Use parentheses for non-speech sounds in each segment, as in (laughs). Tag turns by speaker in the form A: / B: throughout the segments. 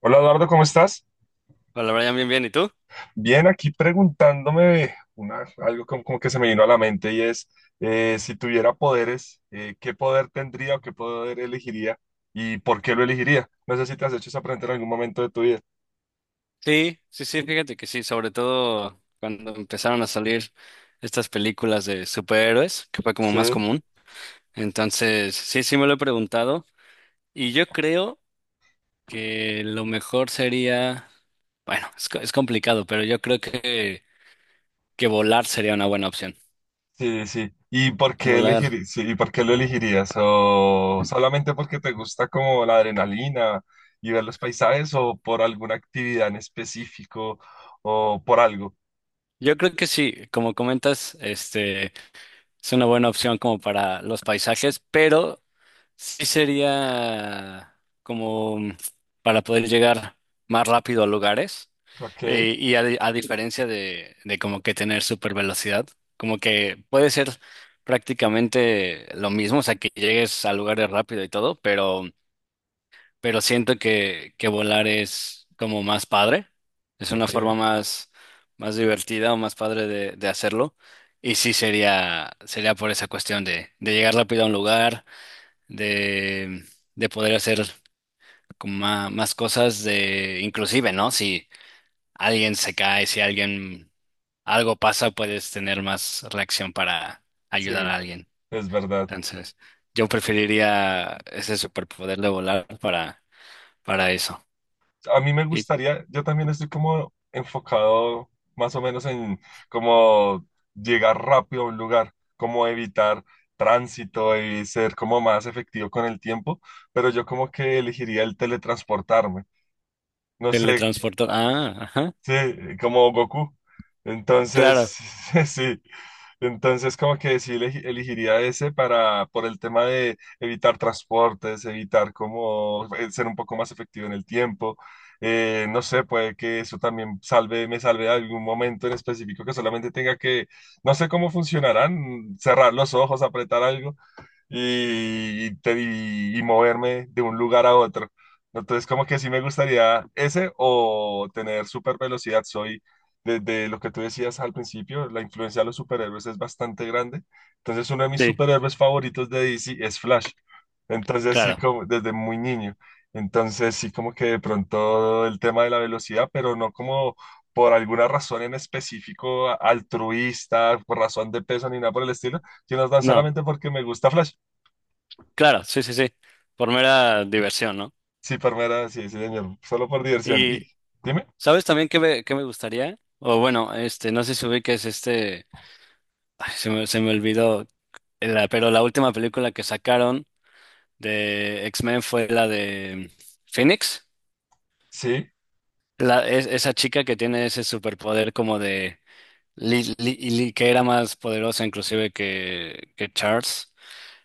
A: Hola Eduardo, ¿cómo estás?
B: Hola Brian, bien, bien. ¿Y tú?
A: Bien, aquí preguntándome una, algo como, como que se me vino a la mente y es, si tuviera poderes, ¿qué poder tendría o qué poder elegiría y por qué lo elegiría? No sé si te has hecho esa pregunta en algún momento de tu vida.
B: Sí, sí, sí, fíjate que sí, sobre todo cuando empezaron a salir estas películas de superhéroes, que fue como
A: Sí,
B: más común. Entonces, sí, sí me lo he preguntado. Y yo creo que lo mejor sería, bueno, es, es complicado, pero yo creo que volar sería una buena opción.
A: sí, sí. ¿Y por qué
B: Volar.
A: elegir, sí, y por qué lo elegirías? ¿O solamente porque te gusta como la adrenalina y ver los paisajes o por alguna actividad en específico o por algo?
B: Yo creo que sí, como comentas, Es una buena opción como para los paisajes, pero sí sería como para poder llegar más rápido a lugares,
A: Ok,
B: y a, a diferencia de como que tener super velocidad, como que puede ser prácticamente lo mismo, o sea, que llegues a lugares rápido y todo, pero siento que volar es como más padre, es una
A: ok,
B: forma más, más divertida o más padre de hacerlo. Y sí sería, sería por esa cuestión de llegar rápido a un lugar, de, de poder hacer como más cosas, de, inclusive, ¿no? Si alguien se cae, si alguien algo pasa, puedes tener más reacción para
A: sí,
B: ayudar a alguien.
A: es verdad.
B: Entonces, yo preferiría ese superpoder de volar para eso.
A: A mí me gustaría, yo también estoy como enfocado más o menos en como llegar rápido a un lugar, como evitar tránsito y ser como más efectivo con el tiempo, pero yo como que elegiría el teletransportarme. No sé,
B: Teletransportar. Ah, ajá.
A: sí, como Goku. Entonces,
B: Claro,
A: (laughs) sí. Entonces, como que sí elegiría ese para, por el tema de evitar transportes, evitar como ser un poco más efectivo en el tiempo. No sé, puede que eso también salve, me salve de algún momento en específico que solamente tenga que, no sé cómo funcionarán, cerrar los ojos, apretar algo y, y moverme de un lugar a otro. Entonces, como que sí me gustaría ese o tener super velocidad. Soy, desde lo que tú decías al principio, la influencia de los superhéroes es bastante grande. Entonces, uno de mis
B: sí,
A: superhéroes favoritos de DC es Flash. Entonces, sí,
B: claro.
A: como desde muy niño. Entonces, sí, como que de pronto el tema de la velocidad, pero no como por alguna razón en específico altruista, por razón de peso ni nada por el estilo, sino tan
B: No,
A: solamente porque me gusta Flash.
B: claro, sí, sí, sí. Por mera diversión, ¿no?
A: Sí, palmera, sí, sí, señor. Solo por diversión. Y
B: Y
A: dime,
B: ¿sabes también qué me gustaría? O bueno, no sé si ubiques este. Ay, se me olvidó. Pero la última película que sacaron de X-Men fue la de Phoenix.
A: sí,
B: La, esa chica que tiene ese superpoder como de. Que era más poderosa inclusive que Charles.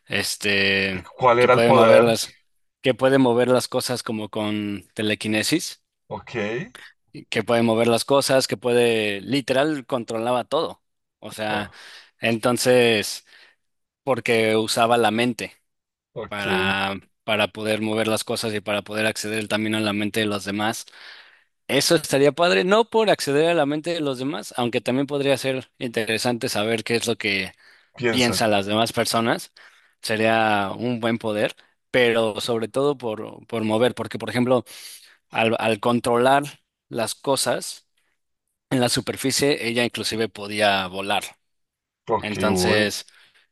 B: este,
A: ¿cuál
B: que
A: era el
B: puede mover
A: poder?
B: las, que puede mover las cosas como con telequinesis,
A: Ok,
B: y que puede mover las cosas, que puede, literal, controlaba todo. O sea,
A: oh,
B: entonces, porque usaba la mente
A: ok,
B: para, para poder mover las cosas y para poder acceder también a la mente de los demás. Eso estaría padre, no por acceder a la mente de los demás, aunque también podría ser interesante saber qué es lo que
A: piensan.
B: piensa las demás personas, sería un buen poder, pero sobre todo por mover, porque por ejemplo, al, al controlar las cosas en la superficie, ella inclusive podía volar.
A: Ok, uy,
B: Entonces,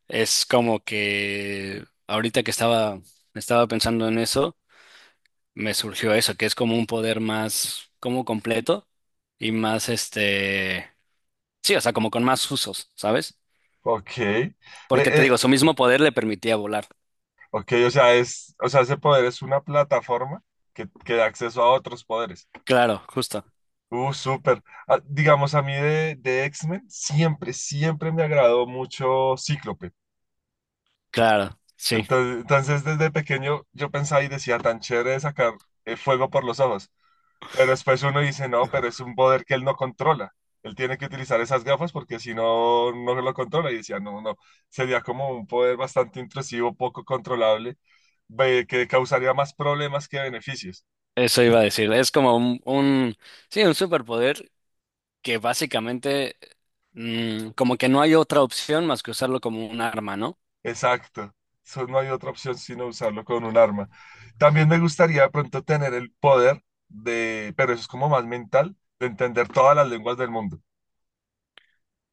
B: es como que ahorita que estaba, estaba pensando en eso, me surgió eso, que es como un poder más, como completo y más sí, o sea, como con más usos, ¿sabes?
A: ok.
B: Porque te
A: Eh,
B: digo, su mismo poder le permitía volar.
A: ok, o sea, es, o sea, ese poder es una plataforma que da acceso a otros poderes.
B: Claro, justo.
A: Súper. Ah, digamos, a mí de X-Men siempre, siempre me agradó mucho Cíclope.
B: Claro, sí,
A: Entonces, entonces, desde pequeño yo pensaba y decía, tan chévere de sacar fuego por los ojos. Pero después uno dice, no, pero es un poder que él no controla. Él tiene que utilizar esas gafas porque si no, no lo controla. Y decía, no, no, no. Sería como un poder bastante intrusivo, poco controlable, que causaría más problemas que beneficios.
B: eso iba a decir. Es como un, sí, un superpoder que básicamente como que no hay otra opción más que usarlo como un arma, ¿no?
A: Exacto. Eso no hay otra opción sino usarlo con un arma. También me gustaría de pronto tener el poder de, pero eso es como más mental, de entender todas las lenguas del mundo.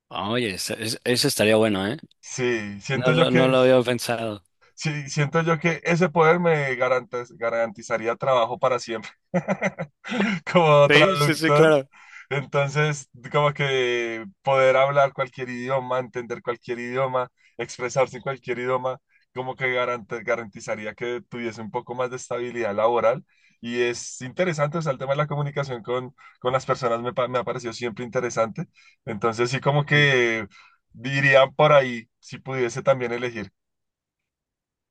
B: Oye, eso estaría bueno, ¿eh?
A: Sí,
B: No,
A: siento yo
B: no
A: que,
B: lo había pensado.
A: sí, siento yo que ese poder me garantizaría trabajo para siempre (laughs) como
B: Sí, sí, sí,
A: traductor.
B: claro.
A: Entonces, como que poder hablar cualquier idioma, entender cualquier idioma, expresarse en cualquier idioma, como que garantizaría que tuviese un poco más de estabilidad laboral. Y es interesante, o sea, el tema de la comunicación con las personas me, me ha parecido siempre interesante. Entonces, sí, como
B: Sí.
A: que dirían por ahí, si pudiese también elegir.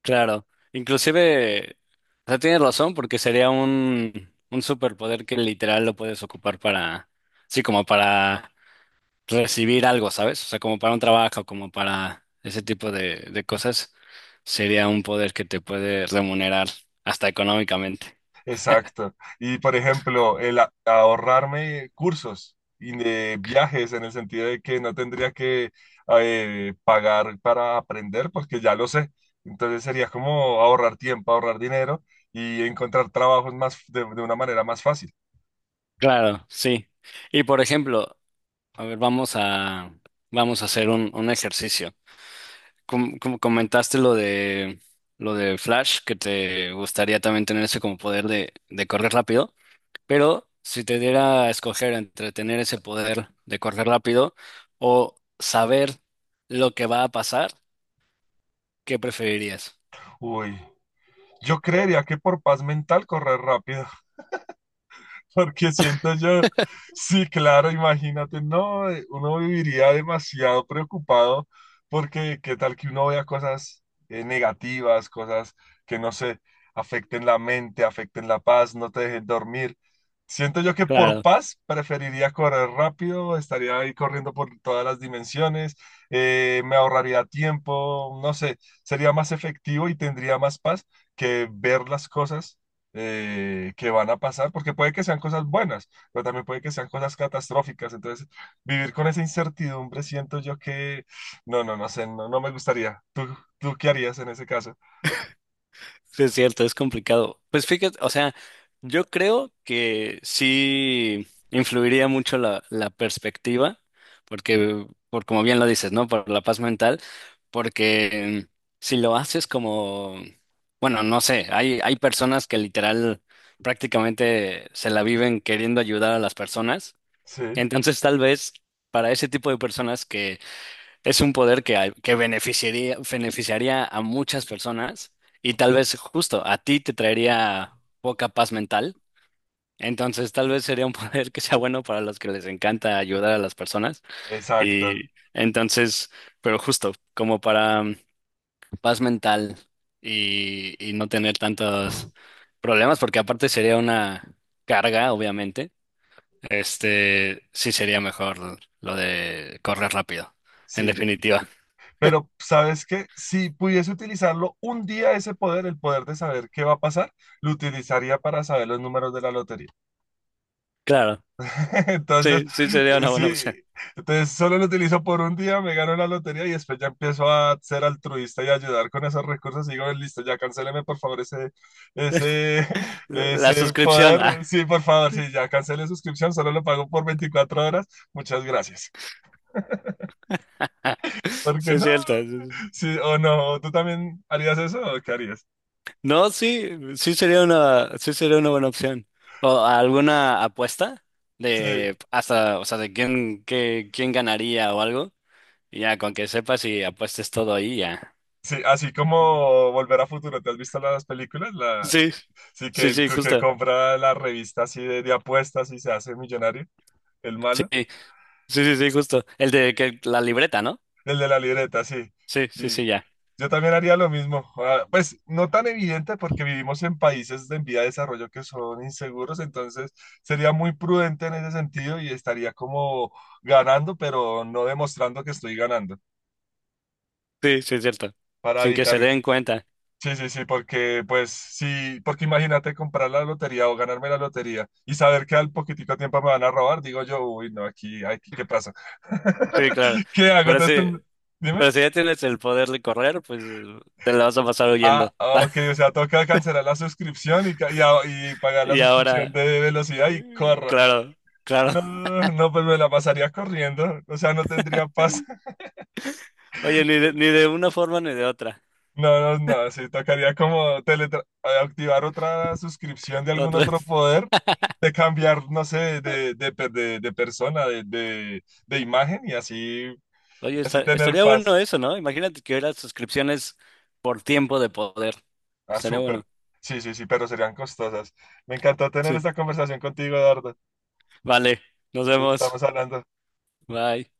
B: Claro. Inclusive, o sea, tienes razón porque sería un superpoder que literal lo puedes ocupar para, sí, como para recibir algo, ¿sabes? O sea, como para un trabajo, como para ese tipo de cosas, sería un poder que te puede remunerar hasta económicamente.
A: Exacto. Y por ejemplo, el ahorrarme cursos y de viajes en el sentido de que no tendría que pagar para aprender porque ya lo sé. Entonces sería como ahorrar tiempo, ahorrar dinero y encontrar trabajos más de una manera más fácil.
B: Claro, sí. Y por ejemplo, a ver, vamos a, vamos a hacer un ejercicio. Como, como comentaste lo de Flash, que te gustaría también tener ese como poder de correr rápido, pero si te diera a escoger entre tener ese poder de correr rápido o saber lo que va a pasar, ¿qué preferirías?
A: Uy, yo creería que por paz mental correr rápido. (laughs) Porque siento yo, sí, claro, imagínate, no, uno viviría demasiado preocupado porque qué tal que uno vea cosas negativas, cosas que no sé, afecten la mente, afecten la paz, no te dejen dormir. Siento yo que por
B: Claro,
A: paz preferiría correr rápido, estaría ahí corriendo por todas las dimensiones, me ahorraría tiempo, no sé, sería más efectivo y tendría más paz que ver las cosas que van a pasar, porque puede que sean cosas buenas, pero también puede que sean cosas catastróficas. Entonces, vivir con esa incertidumbre, siento yo que, no, no, no sé, no, no me gustaría. ¿Tú, tú qué harías en ese caso?
B: sí es cierto, es complicado. Pues fíjate, o sea, yo creo que sí influiría mucho la, la perspectiva, porque, por como bien lo dices, ¿no? Por la paz mental, porque si lo haces como, bueno, no sé, hay personas que literal prácticamente se la viven queriendo ayudar a las personas,
A: Sí,
B: entonces tal vez para ese tipo de personas es un poder que, que beneficiaría, beneficiaría a muchas personas y tal vez justo a ti te traería poca paz mental. Entonces tal vez sería un (laughs) poder que sea bueno para los que les encanta ayudar a las personas.
A: exacto.
B: Y entonces, pero justo como para paz mental y no tener tantos problemas, porque aparte sería una carga, obviamente. Este sí sería mejor lo de correr rápido, en
A: Sí,
B: definitiva.
A: pero ¿sabes qué? Si pudiese utilizarlo un día ese poder, el poder de saber qué va a pasar, lo utilizaría para saber los números de la lotería.
B: Claro.
A: (laughs) Entonces,
B: Sí, sí sería una buena
A: sí,
B: opción.
A: entonces solo lo utilizo por un día, me gano la lotería y después ya empiezo a ser altruista y ayudar con esos recursos. Y digo, listo, ya cancéleme por favor ese, ese, (laughs)
B: La
A: ese
B: suscripción, ah,
A: poder. Sí, por favor, sí, ya cancelé suscripción, solo lo pago por 24 horas. Muchas gracias. (laughs)
B: sí
A: Porque
B: es
A: no,
B: cierto.
A: sí, o no, ¿tú también harías eso o qué harías?
B: No, sí, sí sería una buena opción. ¿O alguna apuesta
A: Sí,
B: de hasta, o sea, de quién, qué, quién ganaría o algo? Y ya, con que sepas y apuestes todo ahí, ya.
A: sí, así como Volver a Futuro, ¿te has visto las películas? La,
B: Sí,
A: sí, que
B: sí,
A: el
B: sí,
A: que
B: justo.
A: compra la revista así de apuestas y se hace millonario, el
B: Sí,
A: malo,
B: sí, sí, sí, justo. El de que la libreta, ¿no?
A: el de la libreta, sí.
B: Sí, sí, sí,
A: Y
B: ya.
A: yo también haría lo mismo. Ah, pues no tan evidente porque vivimos en países de en vía de desarrollo que son inseguros, entonces sería muy prudente en ese sentido y estaría como ganando, pero no demostrando que estoy ganando,
B: Sí, sí es cierto.
A: para
B: Sin que
A: evitar.
B: se den cuenta.
A: Sí, sí, sí, porque pues sí, porque imagínate comprar la lotería o ganarme la lotería y saber que al poquitico tiempo me van a robar, digo yo, uy, no, aquí, aquí, ¿qué pasa?
B: Sí, claro.
A: (laughs) ¿Qué hago?
B: Pero
A: Entonces,
B: sí.
A: dime.
B: Pero si ya tienes el poder de correr, pues te la vas a pasar
A: Ah,
B: huyendo.
A: ah, ok, o
B: (laughs)
A: sea, toca cancelar la suscripción y, y pagar la
B: Y
A: suscripción
B: ahora,
A: de velocidad y corra.
B: claro, claro.
A: No, no, pues me la pasaría corriendo, o sea, no tendría paz. (laughs)
B: Oye, ni de, ni de una forma ni de otra.
A: No, no, no, sí, tocaría como activar otra suscripción de algún
B: Otra.
A: otro poder, de cambiar, no sé,
B: (laughs)
A: de, de persona, de, de imagen y así,
B: Oye,
A: así tener
B: estaría
A: paz.
B: bueno eso, ¿no? Imagínate que hubiera suscripciones por tiempo de poder.
A: Ah,
B: Estaría
A: súper.
B: bueno.
A: Sí, sí, sí, pero serían costosas. Me encantó tener
B: Sí.
A: esta conversación contigo, Eduardo.
B: Vale, nos
A: Entonces, estamos
B: vemos.
A: hablando.
B: Bye.